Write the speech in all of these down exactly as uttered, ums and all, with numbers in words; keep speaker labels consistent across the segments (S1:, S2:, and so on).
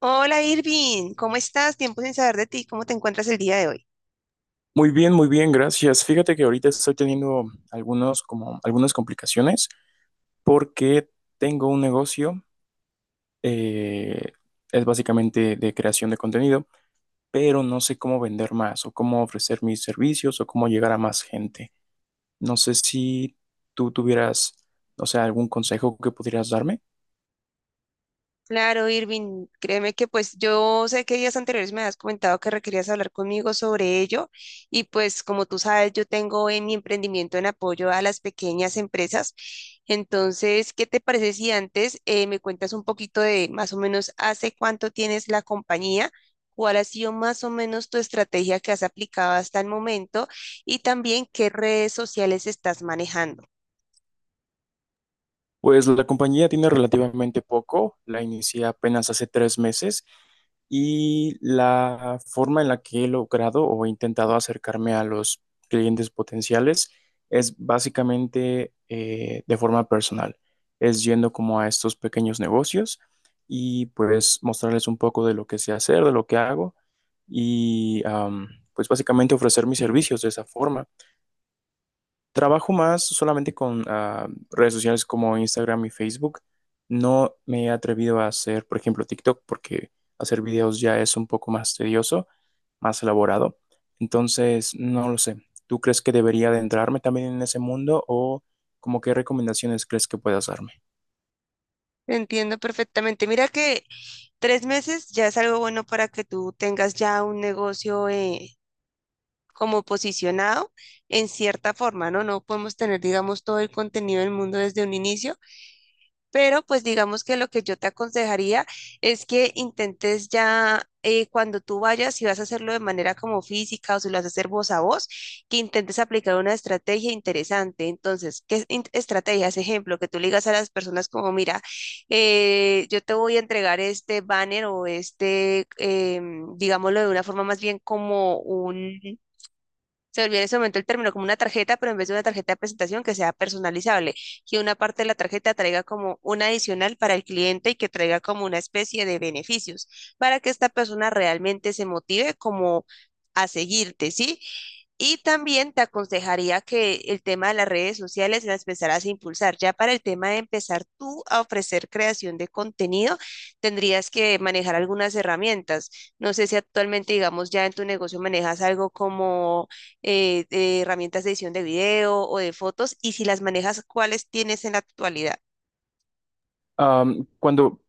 S1: Hola Irving, ¿cómo estás? Tiempo sin saber de ti, ¿cómo te encuentras el día de hoy?
S2: Muy bien, muy bien, gracias. Fíjate que ahorita estoy teniendo algunos, como, algunas complicaciones porque tengo un negocio, eh, es básicamente de creación de contenido, pero no sé cómo vender más o cómo ofrecer mis servicios o cómo llegar a más gente. No sé si tú tuvieras, no sé, algún consejo que pudieras darme.
S1: Claro, Irving, créeme que pues yo sé que días anteriores me has comentado que requerías hablar conmigo sobre ello y pues como tú sabes, yo tengo en mi emprendimiento en apoyo a las pequeñas empresas. Entonces, ¿qué te parece si antes eh, me cuentas un poquito de más o menos hace cuánto tienes la compañía? ¿Cuál ha sido más o menos tu estrategia que has aplicado hasta el momento? Y también qué redes sociales estás manejando.
S2: Pues la compañía tiene relativamente poco, la inicié apenas hace tres meses y la forma en la que he logrado o he intentado acercarme a los clientes potenciales es básicamente eh, de forma personal, es yendo como a estos pequeños negocios y pues mostrarles un poco de lo que sé hacer, de lo que hago y am, pues básicamente ofrecer mis servicios de esa forma. Trabajo más solamente con ah, redes sociales como Instagram y Facebook. No me he atrevido a hacer, por ejemplo, TikTok, porque hacer videos ya es un poco más tedioso, más elaborado. Entonces, no lo sé. ¿Tú crees que debería adentrarme también en ese mundo o como qué recomendaciones crees que puedas darme?
S1: Entiendo perfectamente. Mira que tres meses ya es algo bueno para que tú tengas ya un negocio eh, como posicionado en cierta forma, ¿no? No podemos tener, digamos, todo el contenido del mundo desde un inicio, pero pues digamos que lo que yo te aconsejaría es que intentes ya eh, cuando tú vayas, si vas a hacerlo de manera como física o si lo vas a hacer voz a voz, que intentes aplicar una estrategia interesante. Entonces, ¿qué in- estrategias? Ejemplo, que tú le digas a las personas como, mira, eh, yo te voy a entregar este banner o este, em, digámoslo de una forma más bien como un se volvió en ese momento el término como una tarjeta, pero en vez de una tarjeta de presentación que sea personalizable, que una parte de la tarjeta traiga como un adicional para el cliente y que traiga como una especie de beneficios para que esta persona realmente se motive como a seguirte, ¿sí? Y también te aconsejaría que el tema de las redes sociales las empezaras a impulsar. Ya para el tema de empezar tú a ofrecer creación de contenido, tendrías que manejar algunas herramientas. No sé si actualmente, digamos, ya en tu negocio manejas algo como eh, eh, herramientas de edición de video o de fotos, y si las manejas, ¿cuáles tienes en la actualidad?
S2: Am, cuando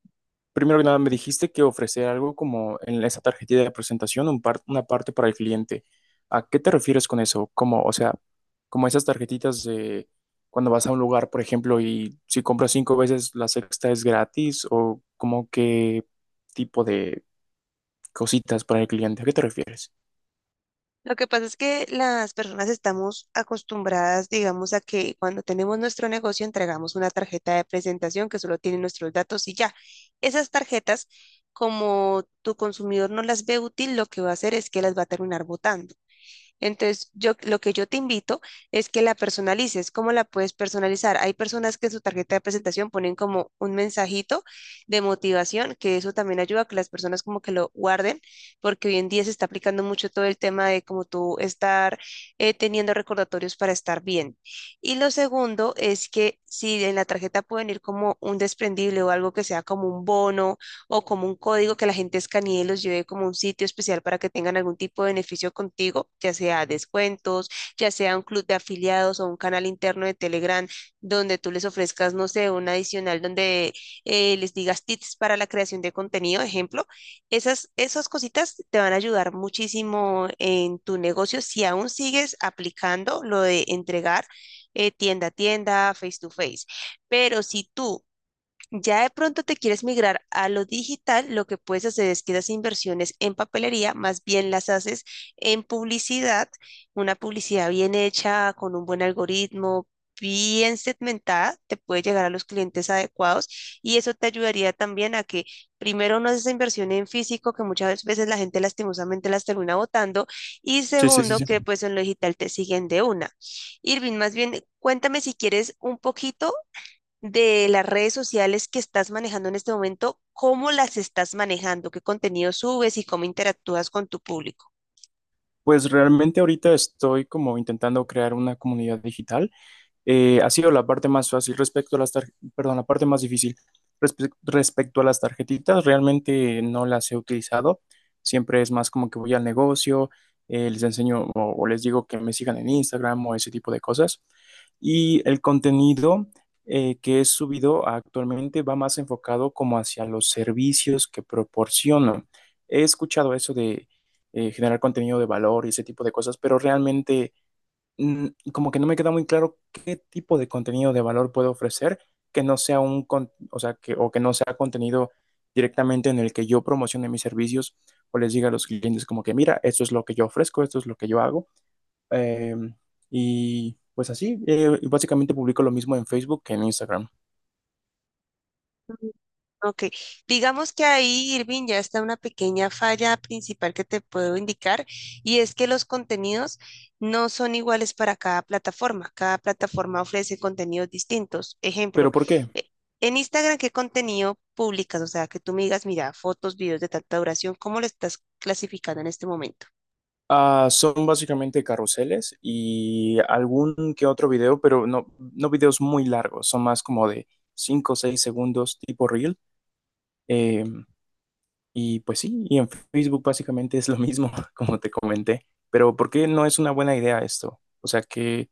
S2: Primero que nada, me dijiste que ofrecer algo como en esa tarjetita de presentación, un par- una parte para el cliente. ¿A qué te refieres con eso? Como, o sea, como esas tarjetitas de cuando vas a un lugar, por ejemplo, y si compras cinco veces, la sexta es gratis, o como qué tipo de cositas para el cliente. ¿A qué te refieres?
S1: Lo que pasa es que las personas estamos acostumbradas, digamos, a que cuando tenemos nuestro negocio entregamos una tarjeta de presentación que solo tiene nuestros datos y ya. Esas tarjetas, como tu consumidor no las ve útil, lo que va a hacer es que las va a terminar botando. Entonces, yo lo que yo te invito es que la personalices. ¿Cómo la puedes personalizar? Hay personas que en su tarjeta de presentación ponen como un mensajito de motivación, que eso también ayuda a que las personas como que lo guarden, porque hoy en día se está aplicando mucho todo el tema de como tú estar eh, teniendo recordatorios para estar bien. Y lo segundo es que si en la tarjeta pueden ir como un desprendible o algo que sea como un bono o como un código que la gente escanee y los lleve como un sitio especial para que tengan algún tipo de beneficio contigo, ya sea descuentos, ya sea un club de afiliados o un canal interno de Telegram donde tú les ofrezcas, no sé, un adicional donde eh, les digas tips para la creación de contenido, ejemplo. Esas, esas cositas te van a ayudar muchísimo en tu negocio si aún sigues aplicando lo de entregar eh, tienda a tienda, face to face. Pero si tú ya de pronto te quieres migrar a lo digital, lo que puedes hacer es que esas inversiones en papelería más bien las haces en publicidad, una publicidad bien hecha, con un buen algoritmo, bien segmentada, te puede llegar a los clientes adecuados y eso te ayudaría también a que primero no haces esa inversión en físico, que muchas veces la gente lastimosamente las termina botando y
S2: Sí, sí, sí,
S1: segundo,
S2: sí.
S1: que pues en lo digital te siguen de una. Irving, más bien, cuéntame si quieres un poquito de las redes sociales que estás manejando en este momento, cómo las estás manejando, qué contenido subes y cómo interactúas con tu público.
S2: Pues realmente ahorita estoy como intentando crear una comunidad digital. Eh, ha sido la parte más fácil respecto a las tar- perdón, la parte más difícil. Respe- respecto a las tarjetitas, realmente no las he utilizado. Siempre es más como que voy al negocio, eh, les enseño o, o les digo que me sigan en Instagram o ese tipo de cosas. Y el contenido eh, que he subido actualmente va más enfocado como hacia los servicios que proporciono. He escuchado eso de eh, generar contenido de valor y ese tipo de cosas, pero realmente mm, como que no me queda muy claro qué tipo de contenido de valor puedo ofrecer que no sea un, con- o sea, que, o que no sea contenido directamente en el que yo promocione mis servicios o les diga a los clientes como que, mira, esto es lo que yo ofrezco, esto es lo que yo hago. Eh, y pues así, eh, básicamente publico lo mismo en Facebook que en Instagram.
S1: Mm. Ok, digamos que ahí, Irving, ya está una pequeña falla principal que te puedo indicar y es que los contenidos no son iguales para cada plataforma. Cada plataforma ofrece contenidos distintos. Ejemplo,
S2: ¿Pero por qué?
S1: eh, en Instagram, ¿qué contenido publicas? O sea, que tú me digas, mira, fotos, videos de tanta duración, ¿cómo lo estás clasificando en este momento?
S2: Ah, son básicamente carruseles y algún que otro video, pero no, no videos muy largos, son más como de cinco o seis segundos tipo reel. Eh, Y pues sí, y en Facebook básicamente es lo mismo, como te comenté. Pero ¿por qué no es una buena idea esto? O sea, que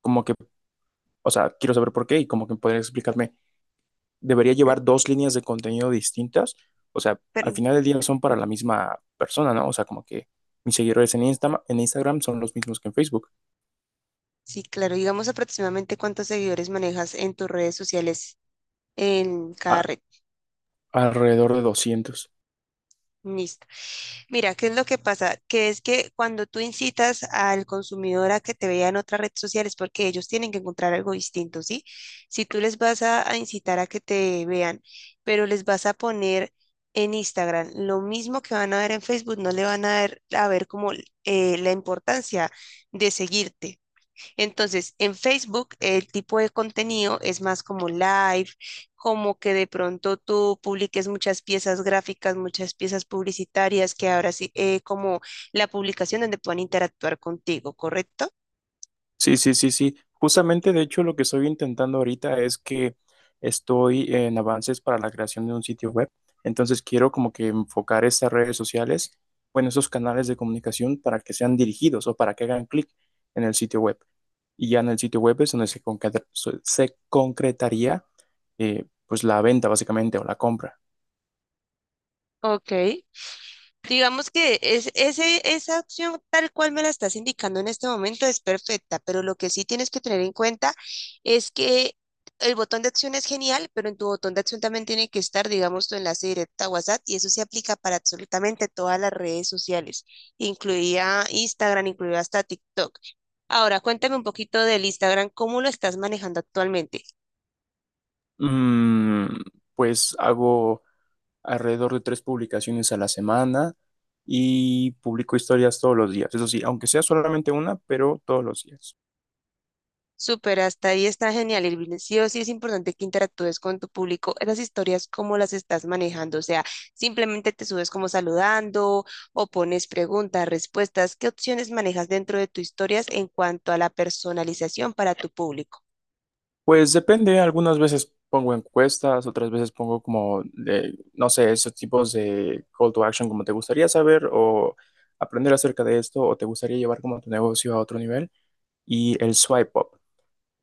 S2: como que, o sea, quiero saber por qué y como que podrías explicarme, ¿debería
S1: Eh,
S2: llevar dos líneas de contenido distintas? O sea, al
S1: pero-
S2: final del día son para la misma persona, ¿no? O sea, como que mis seguidores en Insta- en Instagram son los mismos que en Facebook,
S1: sí, claro. Digamos aproximadamente cuántos seguidores manejas en tus redes sociales en cada
S2: a-
S1: red.
S2: alrededor de doscientos.
S1: Listo. Mira, ¿qué es lo que pasa? Que es que cuando tú incitas al consumidor a que te vea en otra red social es porque ellos tienen que encontrar algo distinto, ¿sí? Si tú les vas a, a incitar a que te vean, pero les vas a poner en Instagram lo mismo que van a ver en Facebook, no le van a ver, a ver como eh, la importancia de seguirte. Entonces, en Facebook el tipo de contenido es más como live, como que de pronto tú publiques muchas piezas gráficas, muchas piezas publicitarias, que ahora sí, eh, como la publicación donde puedan interactuar contigo, ¿correcto?
S2: Sí, sí, sí, sí. Justamente, de hecho, lo que estoy intentando ahorita es que estoy en avances para la creación de un sitio web. Entonces, quiero como que enfocar estas redes sociales, bueno, esos canales de comunicación para que sean dirigidos o para que hagan clic en el sitio web. Y ya en el sitio web es donde se concreta- so- se concretaría, eh, pues, la venta básicamente o la compra.
S1: Ok. Digamos que es, ese, esa opción tal cual me la estás indicando en este momento es perfecta, pero lo que sí tienes que tener en cuenta es que el botón de acción es genial, pero en tu botón de acción también tiene que estar, digamos, tu enlace directo a WhatsApp y eso se aplica para absolutamente todas las redes sociales, incluida Instagram, incluida hasta TikTok. Ahora, cuéntame un poquito del Instagram, ¿cómo lo estás manejando actualmente?
S2: Mm, pues hago alrededor de tres publicaciones a la semana y publico historias todos los días. Eso sí, aunque sea solamente una, pero todos los días.
S1: Súper, hasta ahí está genial, Irving. Sí o sí es importante que interactúes con tu público. Esas historias, cómo las estás manejando. O sea, simplemente te subes como saludando o pones preguntas, respuestas. ¿Qué opciones manejas dentro de tus historias en cuanto a la personalización para tu público?
S2: Pues depende, algunas veces pongo encuestas, otras veces pongo como, de, no sé, esos tipos de call to action como te gustaría saber o aprender acerca de esto o te gustaría llevar como tu negocio a otro nivel. Y el swipe up,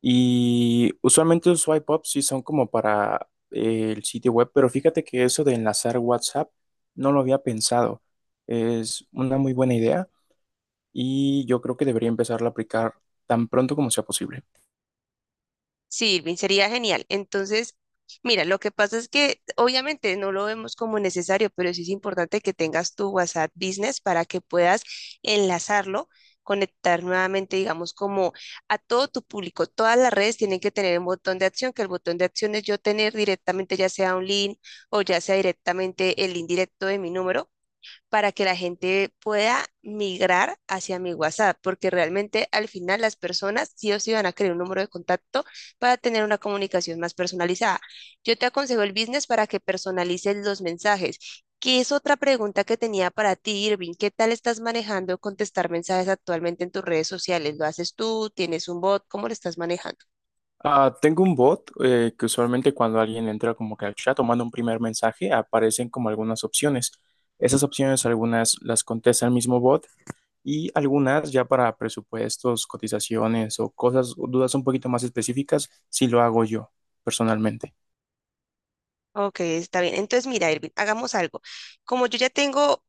S2: Y usualmente los swipe up sí son como para eh, el sitio web, pero fíjate que eso de enlazar WhatsApp no lo había pensado. Es una muy buena idea y yo creo que debería empezar a aplicar tan pronto como sea posible.
S1: Sí, Irving, sería genial. Entonces, mira, lo que pasa es que obviamente no lo vemos como necesario, pero sí es importante que tengas tu WhatsApp Business para que puedas enlazarlo, conectar nuevamente, digamos, como a todo tu público. Todas las redes tienen que tener un botón de acción, que el botón de acción es yo tener directamente ya sea un link o ya sea directamente el link directo de mi número para que la gente pueda migrar hacia mi WhatsApp, porque realmente al final las personas sí o sí van a querer un número de contacto para tener una comunicación más personalizada. Yo te aconsejo el business para que personalices los mensajes. ¿Qué es otra pregunta que tenía para ti, Irving? ¿Qué tal estás manejando contestar mensajes actualmente en tus redes sociales? ¿Lo haces tú? ¿Tienes un bot? ¿Cómo lo estás manejando?
S2: Ah, tengo un bot eh, que usualmente cuando alguien entra como que al chat o manda un primer mensaje aparecen como algunas opciones. Esas opciones algunas las contesta el mismo bot y algunas ya para presupuestos, cotizaciones o cosas, dudas un poquito más específicas, si lo hago yo personalmente.
S1: Ok, está bien. Entonces, mira, Irving, hagamos algo. Como yo ya tengo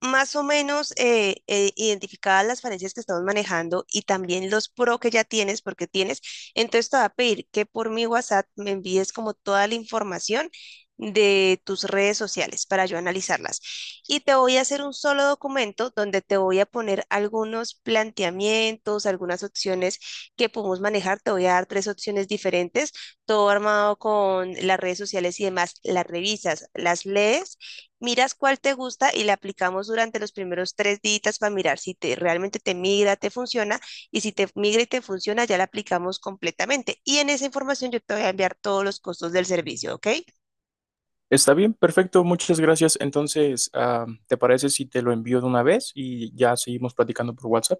S1: más o menos eh, eh, identificadas las falencias que estamos manejando y también los pro que ya tienes, porque tienes, entonces te va a pedir que por mi WhatsApp me envíes como toda la información de tus redes sociales para yo analizarlas. Y te voy a hacer un solo documento donde te voy a poner algunos planteamientos, algunas opciones que podemos manejar. Te voy a dar tres opciones diferentes, todo armado con las redes sociales y demás. Las revisas, las lees miras cuál te gusta y la aplicamos durante los primeros tres días para mirar si te, realmente te migra, te funciona, y si te migra y te funciona, ya la aplicamos completamente. Y en esa información yo te voy a enviar todos los costos del servicio, ¿ok?
S2: Está bien, perfecto, muchas gracias. Entonces, ah, ¿te parece si te lo envío de una vez y ya seguimos platicando por WhatsApp?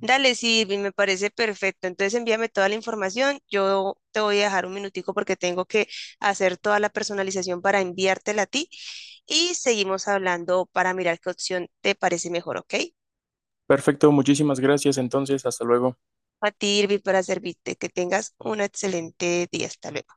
S1: Dale, Silvi, me parece perfecto. Entonces envíame toda la información. Yo te voy a dejar un minutico porque tengo que hacer toda la personalización para enviártela a ti y seguimos hablando para mirar qué opción te parece mejor, ¿ok?
S2: Perfecto, muchísimas gracias. Entonces, hasta luego.
S1: A ti, Irvi, para servirte. Que tengas un excelente día. Hasta luego.